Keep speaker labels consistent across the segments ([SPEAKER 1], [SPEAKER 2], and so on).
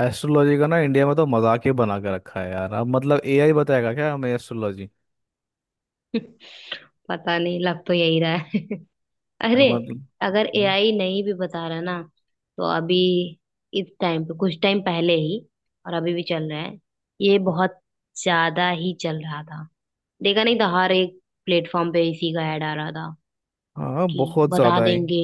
[SPEAKER 1] Astrology का ना India में तो मजाक ही बना के रखा है यार। अब मतलब एआई बताएगा क्या हमें एस्ट्रोलॉजी?
[SPEAKER 2] पता नहीं, लग तो यही रहा है।
[SPEAKER 1] यार
[SPEAKER 2] अरे
[SPEAKER 1] मतलब,
[SPEAKER 2] अगर
[SPEAKER 1] हम्म।
[SPEAKER 2] एआई नहीं भी बता रहा ना तो अभी इस टाइम पे कुछ टाइम पहले ही और अभी भी चल रहा है। ये बहुत ज्यादा ही चल रहा था। देखा नहीं था, हर एक प्लेटफॉर्म पे इसी का ऐड आ रहा था
[SPEAKER 1] हाँ
[SPEAKER 2] कि
[SPEAKER 1] बहुत
[SPEAKER 2] बता
[SPEAKER 1] ज्यादा है।
[SPEAKER 2] देंगे।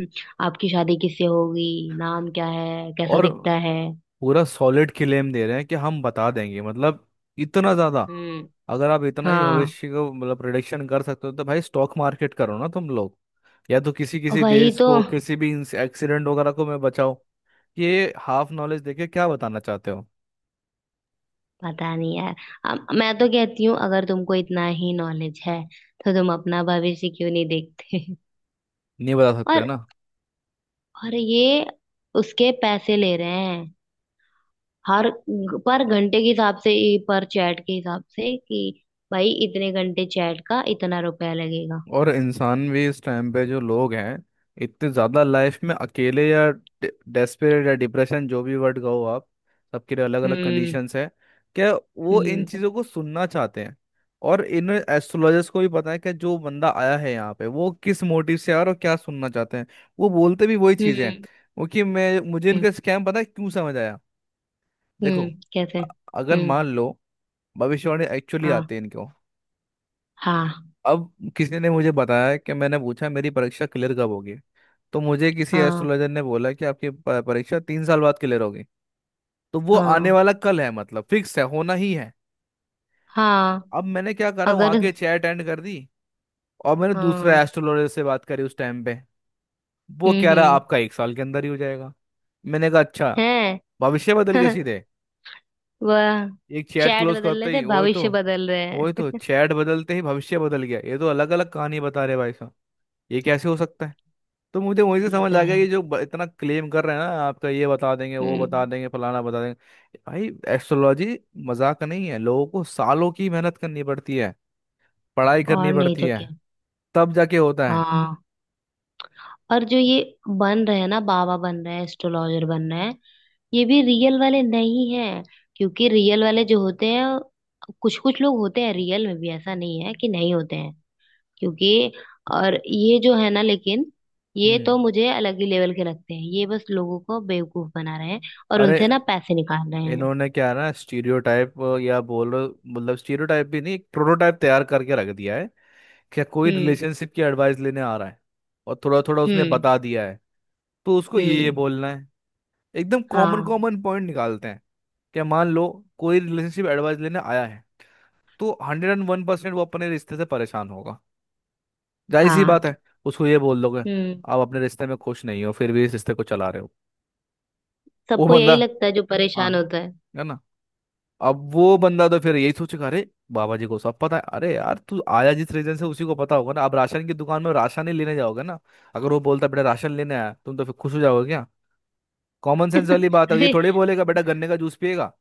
[SPEAKER 2] हम्म। आपकी शादी किससे होगी, नाम क्या है, कैसा
[SPEAKER 1] और
[SPEAKER 2] दिखता है?
[SPEAKER 1] पूरा सॉलिड क्लेम दे रहे हैं कि हम बता देंगे मतलब इतना ज्यादा।
[SPEAKER 2] हम्म।
[SPEAKER 1] अगर आप इतना ही
[SPEAKER 2] हाँ,
[SPEAKER 1] भविष्य को मतलब प्रिडिक्शन कर सकते हो तो भाई स्टॉक मार्केट करो ना तुम लोग। या तो किसी किसी
[SPEAKER 2] वही
[SPEAKER 1] देश
[SPEAKER 2] तो।
[SPEAKER 1] को किसी भी एक्सीडेंट वगैरह को मैं बचाओ। ये हाफ नॉलेज देके क्या बताना चाहते हो?
[SPEAKER 2] पता नहीं यार। मैं तो कहती हूँ अगर तुमको इतना ही नॉलेज है तो तुम अपना भविष्य क्यों नहीं देखते?
[SPEAKER 1] नहीं बता सकते हो
[SPEAKER 2] और
[SPEAKER 1] ना।
[SPEAKER 2] और ये उसके पैसे ले रहे हैं, हर पर घंटे के हिसाब से ही, पर चैट के हिसाब से कि भाई इतने घंटे चैट का इतना रुपया लगेगा।
[SPEAKER 1] और इंसान भी इस टाइम पे जो लोग हैं इतने ज़्यादा
[SPEAKER 2] हम्म।
[SPEAKER 1] लाइफ में अकेले या डेस्परेट या डिप्रेशन जो भी वर्ड कहो आप, सबके लिए अलग अलग
[SPEAKER 2] हम्म।
[SPEAKER 1] कंडीशंस है। क्या वो इन
[SPEAKER 2] हम्म।
[SPEAKER 1] चीज़ों को सुनना चाहते हैं? और इन एस्ट्रोलॉजर्स को भी पता है कि जो बंदा आया है यहाँ पे वो किस मोटिव से आया और क्या सुनना चाहते हैं। वो बोलते भी वही चीज़ें हैं।
[SPEAKER 2] हम्म।
[SPEAKER 1] वो कि मैं मुझे
[SPEAKER 2] हम्म।
[SPEAKER 1] इनका स्कैम पता है क्यों समझ आया। देखो,
[SPEAKER 2] कैसे?
[SPEAKER 1] अ- अगर
[SPEAKER 2] हम्म।
[SPEAKER 1] मान लो भविष्यवाणी एक्चुअली
[SPEAKER 2] हाँ।
[SPEAKER 1] आती है इनको।
[SPEAKER 2] हाँ।
[SPEAKER 1] अब किसी ने मुझे बताया कि मैंने पूछा मेरी परीक्षा क्लियर कब होगी? तो मुझे किसी
[SPEAKER 2] हाँ।
[SPEAKER 1] एस्ट्रोलॉजर ने बोला कि आपकी परीक्षा 3 साल बाद क्लियर होगी। तो वो आने
[SPEAKER 2] हाँ।
[SPEAKER 1] वाला कल है मतलब फिक्स है होना ही है।
[SPEAKER 2] हाँ।
[SPEAKER 1] अब मैंने क्या करा,
[SPEAKER 2] अगर।
[SPEAKER 1] वहाँ की चैट एंड कर दी। और मैंने दूसरा
[SPEAKER 2] हाँ।
[SPEAKER 1] एस्ट्रोलॉजर से बात करी उस टाइम पे। वो कह
[SPEAKER 2] हम्म।
[SPEAKER 1] रहा
[SPEAKER 2] हम्म।
[SPEAKER 1] आपका 1 साल के अंदर ही हो जाएगा। मैंने कहा अच्छा।
[SPEAKER 2] है।
[SPEAKER 1] भविष्य बदल गया सीधे,
[SPEAKER 2] वह
[SPEAKER 1] एक चैट
[SPEAKER 2] चैट
[SPEAKER 1] क्लोज
[SPEAKER 2] बदल रहे
[SPEAKER 1] करते ही।
[SPEAKER 2] थे,
[SPEAKER 1] वो तो
[SPEAKER 2] भविष्य बदल रहे
[SPEAKER 1] वो तो
[SPEAKER 2] हैं।
[SPEAKER 1] चैट बदलते ही भविष्य बदल गया, ये तो अलग अलग कहानी बता रहे भाई। ये कैसे हो सकता है? तो मुझे वहीं से
[SPEAKER 2] ये
[SPEAKER 1] समझ
[SPEAKER 2] तो
[SPEAKER 1] आ गया
[SPEAKER 2] है।
[SPEAKER 1] कि जो इतना क्लेम कर रहे हैं ना आपका ये बता देंगे वो बता
[SPEAKER 2] हम्म।
[SPEAKER 1] देंगे फलाना बता देंगे। भाई एस्ट्रोलॉजी मजाक नहीं है, लोगों को सालों की मेहनत करनी पड़ती है, पढ़ाई करनी
[SPEAKER 2] और नहीं
[SPEAKER 1] पड़ती
[SPEAKER 2] तो क्या।
[SPEAKER 1] है, तब जाके होता है।
[SPEAKER 2] हाँ। और जो ये बन रहे हैं ना, बाबा बन रहे हैं, एस्ट्रोलॉजर बन रहे हैं, ये भी रियल वाले नहीं हैं। क्योंकि रियल वाले जो होते हैं, कुछ कुछ लोग होते हैं रियल में भी, ऐसा नहीं है कि नहीं होते हैं। क्योंकि और ये जो है ना, लेकिन ये तो
[SPEAKER 1] हम्म।
[SPEAKER 2] मुझे अलग ही लेवल के लगते हैं, ये बस लोगों को बेवकूफ बना रहे हैं और
[SPEAKER 1] अरे,
[SPEAKER 2] उनसे ना पैसे निकाल रहे हैं।
[SPEAKER 1] इन्होंने क्या है ना, स्टीरियोटाइप या बोलो मतलब स्टीरियोटाइप भी नहीं, एक प्रोटोटाइप तैयार करके रख दिया है। क्या कोई
[SPEAKER 2] हम्म।
[SPEAKER 1] रिलेशनशिप की एडवाइस लेने आ रहा है और थोड़ा थोड़ा उसने
[SPEAKER 2] हम्म।
[SPEAKER 1] बता दिया है, तो उसको ये
[SPEAKER 2] हम्म।
[SPEAKER 1] बोलना है। एकदम कॉमन
[SPEAKER 2] हाँ।
[SPEAKER 1] कॉमन पॉइंट निकालते हैं। क्या मान लो कोई रिलेशनशिप एडवाइस लेने आया है, तो 101% वो अपने रिश्ते से परेशान होगा, जाहिर सी
[SPEAKER 2] हाँ।
[SPEAKER 1] बात है। उसको ये बोल दोगे
[SPEAKER 2] हम्म।
[SPEAKER 1] आप अपने रिश्ते में खुश नहीं हो फिर भी इस रिश्ते को चला रहे हो। वो
[SPEAKER 2] सबको
[SPEAKER 1] बंदा,
[SPEAKER 2] यही लगता है जो परेशान
[SPEAKER 1] हाँ,
[SPEAKER 2] होता है।
[SPEAKER 1] है ना। अब वो
[SPEAKER 2] हम्म।
[SPEAKER 1] बंदा तो फिर यही सोचेगा अरे बाबा जी को सब पता है। अरे यार तू आया जिस रीजन से उसी को पता होगा ना। आप राशन की दुकान में राशन ही लेने जाओगे ना। अगर वो बोलता बेटा राशन लेने आया तुम तो फिर खुश हो जाओगे क्या? कॉमन सेंस वाली बात है, ये
[SPEAKER 2] अरे।
[SPEAKER 1] थोड़ी बोलेगा बेटा गन्ने का जूस पिएगा।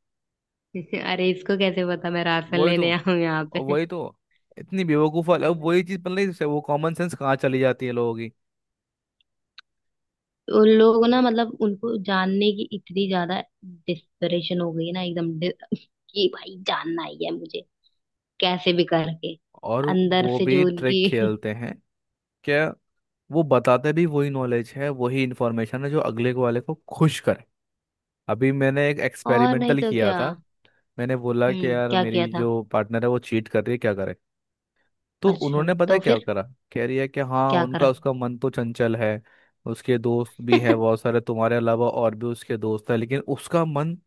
[SPEAKER 2] अरे इसको कैसे पता मैं राशन
[SPEAKER 1] वही तो
[SPEAKER 2] लेने आऊं यहाँ पे?
[SPEAKER 1] वही तो इतनी बेवकूफ़ वाली-
[SPEAKER 2] हाँ
[SPEAKER 1] अब
[SPEAKER 2] भाई।
[SPEAKER 1] वही चीज़ मतलब इससे वो कॉमन सेंस कहाँ चली जाती है लोगों की।
[SPEAKER 2] उन लोग ना, मतलब उनको जानने की इतनी ज्यादा डिस्परेशन हो गई ना, एकदम कि भाई जानना ही है मुझे, कैसे भी करके
[SPEAKER 1] और
[SPEAKER 2] अंदर
[SPEAKER 1] वो
[SPEAKER 2] से
[SPEAKER 1] भी
[SPEAKER 2] जो
[SPEAKER 1] ट्रिक
[SPEAKER 2] उनकी।
[SPEAKER 1] खेलते हैं क्या? वो बताते भी वही नॉलेज है वही इंफॉर्मेशन है जो अगले को वाले को खुश करे। अभी मैंने एक
[SPEAKER 2] और नहीं
[SPEAKER 1] एक्सपेरिमेंटल
[SPEAKER 2] तो
[SPEAKER 1] किया
[SPEAKER 2] क्या।
[SPEAKER 1] था। मैंने बोला कि
[SPEAKER 2] हम्म।
[SPEAKER 1] यार
[SPEAKER 2] क्या किया
[SPEAKER 1] मेरी
[SPEAKER 2] था?
[SPEAKER 1] जो पार्टनर है वो चीट कर रही है क्या करे? तो
[SPEAKER 2] अच्छा
[SPEAKER 1] उन्होंने पता है
[SPEAKER 2] तो
[SPEAKER 1] क्या
[SPEAKER 2] फिर
[SPEAKER 1] करा, कह रही है कि हाँ
[SPEAKER 2] क्या
[SPEAKER 1] उनका
[SPEAKER 2] करा?
[SPEAKER 1] उसका मन तो चंचल है, उसके दोस्त भी है बहुत सारे तुम्हारे अलावा और भी उसके दोस्त है लेकिन उसका मन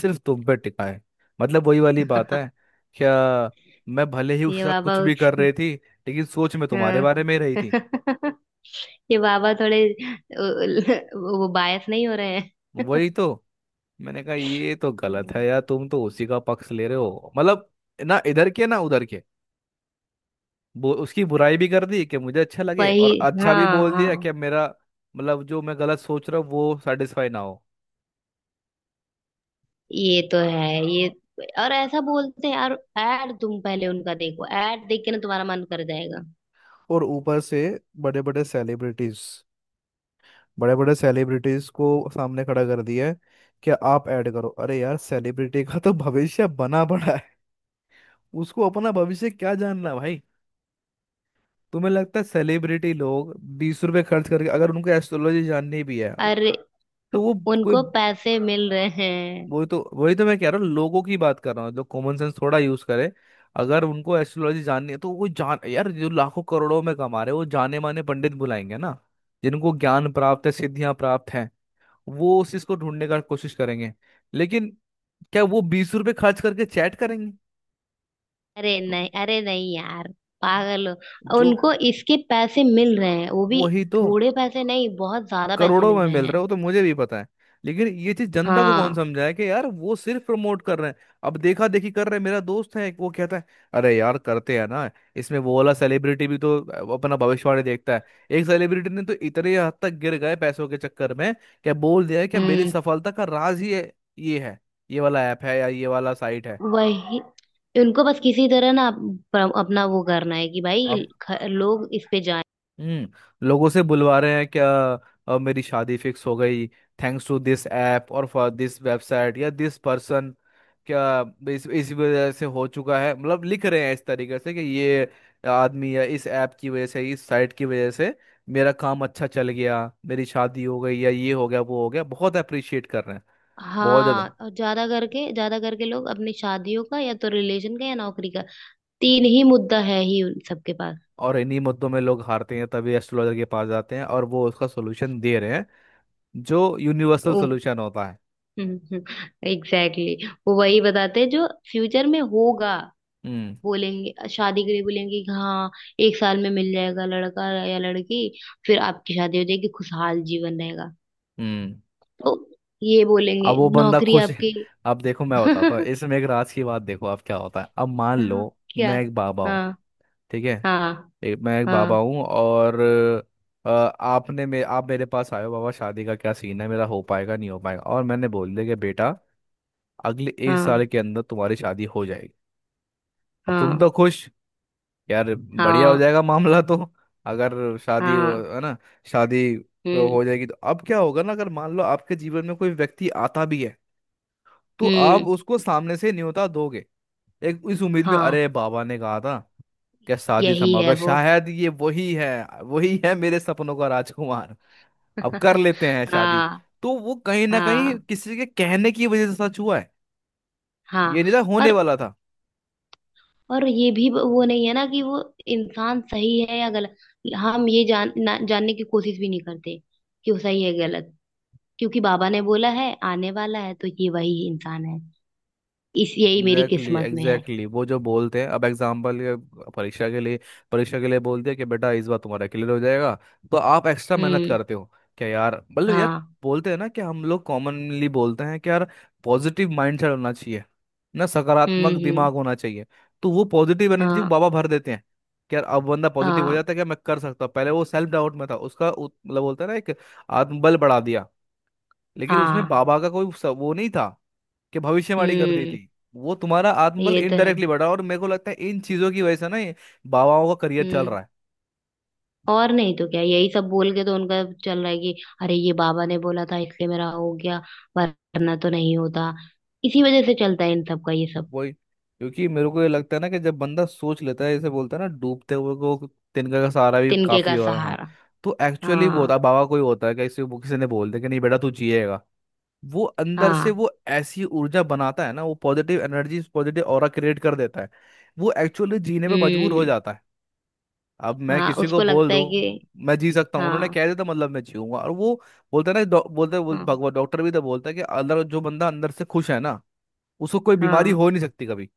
[SPEAKER 1] सिर्फ तुम पे टिका है। मतलब वही वाली बात है क्या, मैं भले ही उसके
[SPEAKER 2] ये
[SPEAKER 1] साथ
[SPEAKER 2] बाबा
[SPEAKER 1] कुछ भी
[SPEAKER 2] उस।
[SPEAKER 1] कर रही थी लेकिन सोच में तुम्हारे
[SPEAKER 2] हाँ।
[SPEAKER 1] बारे में ही रही थी।
[SPEAKER 2] ये बाबा थोड़े वो बायस नहीं हो रहे हैं।
[SPEAKER 1] वही तो, मैंने कहा ये तो गलत
[SPEAKER 2] हम्म।
[SPEAKER 1] है यार, तुम तो उसी का पक्ष ले रहे हो मतलब। ना इधर के ना उधर के। वो उसकी बुराई भी कर दी कि मुझे अच्छा लगे
[SPEAKER 2] वही।
[SPEAKER 1] और अच्छा भी
[SPEAKER 2] हाँ।
[SPEAKER 1] बोल दिया
[SPEAKER 2] हाँ।
[SPEAKER 1] कि मेरा मतलब जो मैं गलत सोच रहा हूँ वो सेटिस्फाई ना हो।
[SPEAKER 2] ये तो है ये। और ऐसा बोलते हैं यार, ऐड तुम पहले उनका देखो, ऐड देख के ना तुम्हारा मन कर जाएगा।
[SPEAKER 1] और ऊपर से बड़े बड़े सेलिब्रिटीज, बड़े बड़े सेलिब्रिटीज को सामने खड़ा कर दिया है कि आप ऐड करो। अरे यार सेलिब्रिटी का तो भविष्य बना पड़ा है, उसको अपना भविष्य क्या जानना भाई। तुम्हें लगता है सेलिब्रिटी लोग 20 रुपए खर्च करके अगर उनको एस्ट्रोलॉजी जाननी भी है
[SPEAKER 2] अरे
[SPEAKER 1] तो वो कोई,
[SPEAKER 2] उनको पैसे मिल रहे हैं।
[SPEAKER 1] वही तो मैं कह रहा हूँ, लोगों की बात कर रहा हूँ जो कॉमन सेंस थोड़ा यूज करे। अगर उनको एस्ट्रोलॉजी जाननी है तो वो जान, यार जो लाखों करोड़ों में कमा रहे हैं, वो जाने माने पंडित बुलाएंगे ना, जिनको ज्ञान प्राप्त है सिद्धियां प्राप्त हैं। वो उस चीज को ढूंढने का कोशिश करेंगे। लेकिन क्या वो 20 रुपए खर्च करके चैट करेंगे?
[SPEAKER 2] अरे नहीं, अरे नहीं यार, पागल हो,
[SPEAKER 1] जो
[SPEAKER 2] उनको इसके पैसे मिल रहे हैं वो भी।
[SPEAKER 1] वही तो
[SPEAKER 2] थोड़े पैसे नहीं, बहुत ज्यादा पैसे
[SPEAKER 1] करोड़ों
[SPEAKER 2] मिल
[SPEAKER 1] में
[SPEAKER 2] रहे
[SPEAKER 1] मिल
[SPEAKER 2] हैं।
[SPEAKER 1] रहा है वो तो मुझे भी पता है। लेकिन ये चीज जनता को कौन
[SPEAKER 2] हाँ।
[SPEAKER 1] समझाए कि यार वो सिर्फ प्रमोट कर रहे हैं। अब देखा देखी कर रहे हैं। मेरा दोस्त है वो कहता है अरे यार करते हैं ना, इसमें वो वाला सेलिब्रिटी भी तो अपना भविष्यवाणी देखता है। एक सेलिब्रिटी ने तो इतने हद तक गिर गए पैसों के चक्कर में, क्या बोल दिया है कि मेरी सफलता का राज ही है ये है, ये वाला ऐप है या ये वाला साइट है।
[SPEAKER 2] वही। उनको बस किसी तरह ना अपना वो करना है कि भाई
[SPEAKER 1] अब
[SPEAKER 2] लोग इस पे जाएं।
[SPEAKER 1] हम्म, लोगों से बुलवा रहे हैं क्या? अब मेरी शादी फिक्स हो गई, थैंक्स टू दिस ऐप और फॉर दिस वेबसाइट या दिस पर्सन। क्या इस वजह से हो चुका है, मतलब लिख रहे हैं इस तरीके से कि ये आदमी या इस ऐप की वजह से इस साइट की वजह से मेरा काम अच्छा चल गया, मेरी शादी हो गई या ये हो गया वो हो गया, बहुत अप्रिशिएट कर रहे हैं। बहुत
[SPEAKER 2] हाँ।
[SPEAKER 1] ज़्यादा।
[SPEAKER 2] और ज्यादा करके लोग अपनी शादियों का या तो रिलेशन का या नौकरी का। तीन ही मुद्दा है ही उन सबके पास।
[SPEAKER 1] और इन्हीं मुद्दों में लोग हारते हैं तभी एस्ट्रोलॉजर के पास जाते हैं और वो उसका सोल्यूशन दे रहे हैं जो यूनिवर्सल
[SPEAKER 2] वो
[SPEAKER 1] सोल्यूशन होता है।
[SPEAKER 2] Exactly exactly। वो वही बताते हैं जो फ्यूचर में होगा।
[SPEAKER 1] हम्म
[SPEAKER 2] बोलेंगे शादी के लिए, बोलेंगे कि हाँ एक साल में मिल जाएगा लड़का या लड़की, फिर आपकी शादी हो जाएगी, खुशहाल जीवन रहेगा।
[SPEAKER 1] हम्म।
[SPEAKER 2] तो ये बोलेंगे
[SPEAKER 1] अब वो बंदा
[SPEAKER 2] नौकरी
[SPEAKER 1] खुश है।
[SPEAKER 2] आपकी।
[SPEAKER 1] अब देखो मैं बताता हूँ इस मेघराज की बात, देखो अब क्या होता है। अब मान लो
[SPEAKER 2] हाँ, क्या।
[SPEAKER 1] मैं एक बाबा हूँ,
[SPEAKER 2] हाँ।
[SPEAKER 1] ठीक है।
[SPEAKER 2] हाँ।
[SPEAKER 1] एक मैं एक बाबा
[SPEAKER 2] हाँ।
[SPEAKER 1] हूँ और आपने मे आप मेरे पास आए हो, बाबा शादी का क्या सीन है, मेरा हो पाएगा नहीं हो पाएगा? और मैंने बोल दिया कि बेटा अगले एक
[SPEAKER 2] हाँ।
[SPEAKER 1] साल के अंदर तुम्हारी शादी हो जाएगी। अब तुम
[SPEAKER 2] हाँ।
[SPEAKER 1] तो खुश, यार बढ़िया हो
[SPEAKER 2] हाँ।
[SPEAKER 1] जाएगा मामला तो। अगर
[SPEAKER 2] हाँ।
[SPEAKER 1] है ना, शादी
[SPEAKER 2] हम्म।
[SPEAKER 1] हो जाएगी तो अब क्या होगा ना, अगर मान लो आपके जीवन में कोई व्यक्ति आता भी है तो
[SPEAKER 2] हम्म।
[SPEAKER 1] आप उसको सामने से न्योता दोगे, एक इस उम्मीद में
[SPEAKER 2] हाँ,
[SPEAKER 1] अरे बाबा ने कहा था। क्या शादी
[SPEAKER 2] यही
[SPEAKER 1] संभव
[SPEAKER 2] है
[SPEAKER 1] है,
[SPEAKER 2] वो।
[SPEAKER 1] शायद ये वही है, वही है मेरे सपनों का राजकुमार, अब कर लेते हैं शादी।
[SPEAKER 2] हाँ।
[SPEAKER 1] तो वो कहीं ना कहीं
[SPEAKER 2] हाँ।
[SPEAKER 1] किसी के कहने की वजह से सच हुआ है,
[SPEAKER 2] हाँ।
[SPEAKER 1] ये नहीं था
[SPEAKER 2] और
[SPEAKER 1] होने वाला था।
[SPEAKER 2] और ये भी वो नहीं है ना कि वो इंसान सही है या गलत, हम ये जान ना, जानने की कोशिश भी नहीं करते कि वो सही है गलत, क्योंकि बाबा ने बोला है आने वाला है तो ये वही इंसान है, इस यही मेरी
[SPEAKER 1] एग्जैक्टली exactly,
[SPEAKER 2] किस्मत में है।
[SPEAKER 1] Exactly exactly। वो जो बोलते हैं अब एग्जाम्पल के, परीक्षा के लिए, परीक्षा के लिए बोलते हैं कि बेटा इस बार तुम्हारा क्लियर हो जाएगा तो आप एक्स्ट्रा मेहनत
[SPEAKER 2] हम्म।
[SPEAKER 1] करते हो। क्या यार मतलब यार,
[SPEAKER 2] हाँ।
[SPEAKER 1] बोलते हैं ना कि हम लोग कॉमनली बोलते हैं कि यार पॉजिटिव माइंडसेट होना चाहिए ना,
[SPEAKER 2] हम्म।
[SPEAKER 1] सकारात्मक
[SPEAKER 2] हम्म।
[SPEAKER 1] दिमाग होना चाहिए। तो वो पॉजिटिव एनर्जी
[SPEAKER 2] हाँ।
[SPEAKER 1] बाबा भर देते हैं कि यार, अब बंदा पॉजिटिव हो
[SPEAKER 2] हाँ।
[SPEAKER 1] जाता है कि मैं कर सकता हूँ, पहले वो सेल्फ डाउट में था, उसका मतलब बोलते हैं ना एक आत्मबल बढ़ा दिया। लेकिन उसमें
[SPEAKER 2] हाँ।
[SPEAKER 1] बाबा का कोई वो नहीं था कि भविष्यवाणी कर दी
[SPEAKER 2] हम्म।
[SPEAKER 1] थी। वो तुम्हारा आत्मबल
[SPEAKER 2] ये तो है।
[SPEAKER 1] इनडायरेक्टली बढ़ा, और मेरे को लगता है इन चीजों की वजह से ना ये बाबाओं का करियर चल
[SPEAKER 2] हम्म।
[SPEAKER 1] रहा है।
[SPEAKER 2] और नहीं तो क्या, यही सब बोल के तो उनका चल रहा है कि अरे ये बाबा ने बोला था इसलिए मेरा हो गया, वरना तो नहीं होता। इसी वजह से चलता है इन सब का ये सब।
[SPEAKER 1] वही, क्योंकि मेरे को ये लगता है ना कि जब बंदा सोच लेता है जैसे बोलता है ना डूबते हुए को तिनका का सहारा भी
[SPEAKER 2] तिनके का
[SPEAKER 1] काफी हुआ, हाँ।
[SPEAKER 2] सहारा।
[SPEAKER 1] तो एक्चुअली वो
[SPEAKER 2] हाँ।
[SPEAKER 1] होता है बाबा कोई होता है कि किसी वो किसी ने बोल दिया कि नहीं बेटा तू जिएगा, वो अंदर से
[SPEAKER 2] हाँ।
[SPEAKER 1] वो ऐसी ऊर्जा बनाता है ना वो positive energy positive aura create कर देता है, वो एक्चुअली जीने पे मजबूर हो
[SPEAKER 2] हम्म।
[SPEAKER 1] जाता है। अब मैं
[SPEAKER 2] हाँ,
[SPEAKER 1] किसी को
[SPEAKER 2] उसको
[SPEAKER 1] बोल
[SPEAKER 2] लगता है
[SPEAKER 1] दूं
[SPEAKER 2] कि।
[SPEAKER 1] मैं जी सकता हूँ, उन्होंने
[SPEAKER 2] हाँ।
[SPEAKER 1] कह दिया था मतलब मैं जीऊंगा। और वो बोलता है ना बोलता है बोल,
[SPEAKER 2] हाँ।
[SPEAKER 1] भगवान डॉक्टर भी तो बोलता है कि अगर जो बंदा अंदर से खुश है ना उसको कोई बीमारी
[SPEAKER 2] हाँ।
[SPEAKER 1] हो नहीं सकती कभी।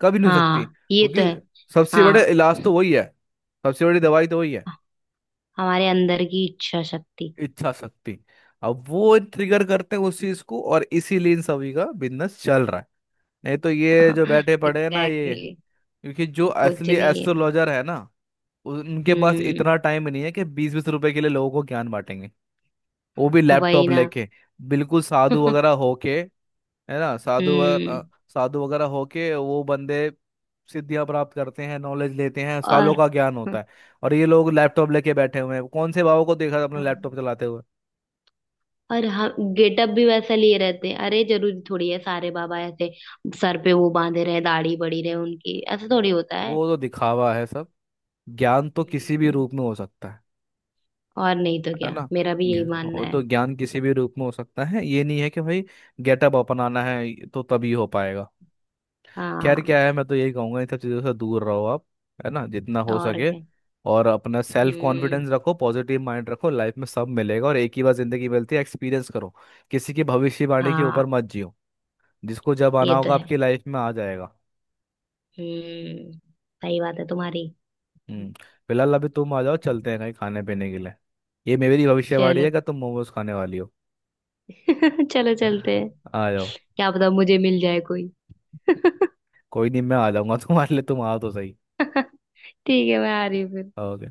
[SPEAKER 1] कभी नहीं हो सकती,
[SPEAKER 2] हाँ ये तो
[SPEAKER 1] क्योंकि
[SPEAKER 2] है।
[SPEAKER 1] सबसे बड़ा
[SPEAKER 2] हाँ।
[SPEAKER 1] इलाज तो वही है, सबसे बड़ी दवाई तो वही है,
[SPEAKER 2] हमारे अंदर की इच्छा शक्ति।
[SPEAKER 1] इच्छा शक्ति। अब वो ट्रिगर करते हैं उस चीज को और इसीलिए इन सभी का बिजनेस चल रहा है। नहीं तो ये जो बैठे
[SPEAKER 2] एग्जैक्टली
[SPEAKER 1] पड़े हैं ना ये, क्योंकि जो
[SPEAKER 2] exactly, कुछ
[SPEAKER 1] असली
[SPEAKER 2] नहीं है।
[SPEAKER 1] एस्ट्रोलॉजर है ना उनके पास
[SPEAKER 2] हम्म।
[SPEAKER 1] इतना टाइम नहीं है कि बीस बीस रुपए के लिए लोगों को ज्ञान बांटेंगे वो भी
[SPEAKER 2] वही
[SPEAKER 1] लैपटॉप
[SPEAKER 2] ना।
[SPEAKER 1] लेके, बिल्कुल साधु वगैरह होके, है ना? साधु
[SPEAKER 2] हम्म।
[SPEAKER 1] वगैरह, साधु वगैरह होके वो बंदे सिद्धियां प्राप्त करते हैं, नॉलेज लेते हैं, सालों
[SPEAKER 2] और।
[SPEAKER 1] का ज्ञान होता है। और ये लोग लैपटॉप लेके बैठे हुए हैं, कौन से बाबा को देखा अपने लैपटॉप
[SPEAKER 2] हम्म।
[SPEAKER 1] चलाते हुए?
[SPEAKER 2] और हम गेटअप भी वैसा लिए रहते हैं, अरे जरूरी थोड़ी है सारे बाबा ऐसे सर पे वो बांधे रहे, दाढ़ी बड़ी रहे उनकी, ऐसा थोड़ी होता है।
[SPEAKER 1] वो तो दिखावा है सब, ज्ञान तो किसी भी
[SPEAKER 2] हम्म।
[SPEAKER 1] रूप में हो सकता है।
[SPEAKER 2] और नहीं तो
[SPEAKER 1] है
[SPEAKER 2] क्या,
[SPEAKER 1] ना,
[SPEAKER 2] मेरा भी यही
[SPEAKER 1] ज्ञान-
[SPEAKER 2] मानना
[SPEAKER 1] वो
[SPEAKER 2] है।
[SPEAKER 1] तो ज्ञान किसी भी रूप में हो सकता है, ये नहीं है कि भाई गेटअप अपनाना है तो तभी हो पाएगा। खैर
[SPEAKER 2] हाँ।
[SPEAKER 1] क्या है, मैं तो यही कहूंगा इन सब चीज़ों से दूर रहो आप, है ना, जितना हो
[SPEAKER 2] और
[SPEAKER 1] सके।
[SPEAKER 2] क्या।
[SPEAKER 1] और अपना सेल्फ
[SPEAKER 2] हम्म।
[SPEAKER 1] कॉन्फिडेंस रखो पॉजिटिव माइंड रखो, लाइफ में सब मिलेगा, और एक ही बार जिंदगी मिलती है, एक्सपीरियंस करो। किसी की भविष्यवाणी के
[SPEAKER 2] हाँ।
[SPEAKER 1] ऊपर मत जियो, जिसको जब
[SPEAKER 2] ये
[SPEAKER 1] आना
[SPEAKER 2] तो
[SPEAKER 1] होगा
[SPEAKER 2] है।
[SPEAKER 1] आपकी लाइफ में आ जाएगा।
[SPEAKER 2] हम्म। सही बात है तुम्हारी।
[SPEAKER 1] हम्म। फिलहाल अभी तुम आ जाओ, चलते हैं कहीं खाने पीने के लिए, ये मेरी भविष्यवाणी
[SPEAKER 2] चलो।
[SPEAKER 1] है कि तुम मोमोज खाने वाली हो।
[SPEAKER 2] चलो, चलते हैं।
[SPEAKER 1] आ जाओ।
[SPEAKER 2] क्या पता मुझे मिल जाए कोई। ठीक
[SPEAKER 1] कोई नहीं, मैं आ जाऊंगा तुम्हारे लिए, तुम आओ तो सही।
[SPEAKER 2] है, मैं आ रही हूँ फिर।
[SPEAKER 1] ओके।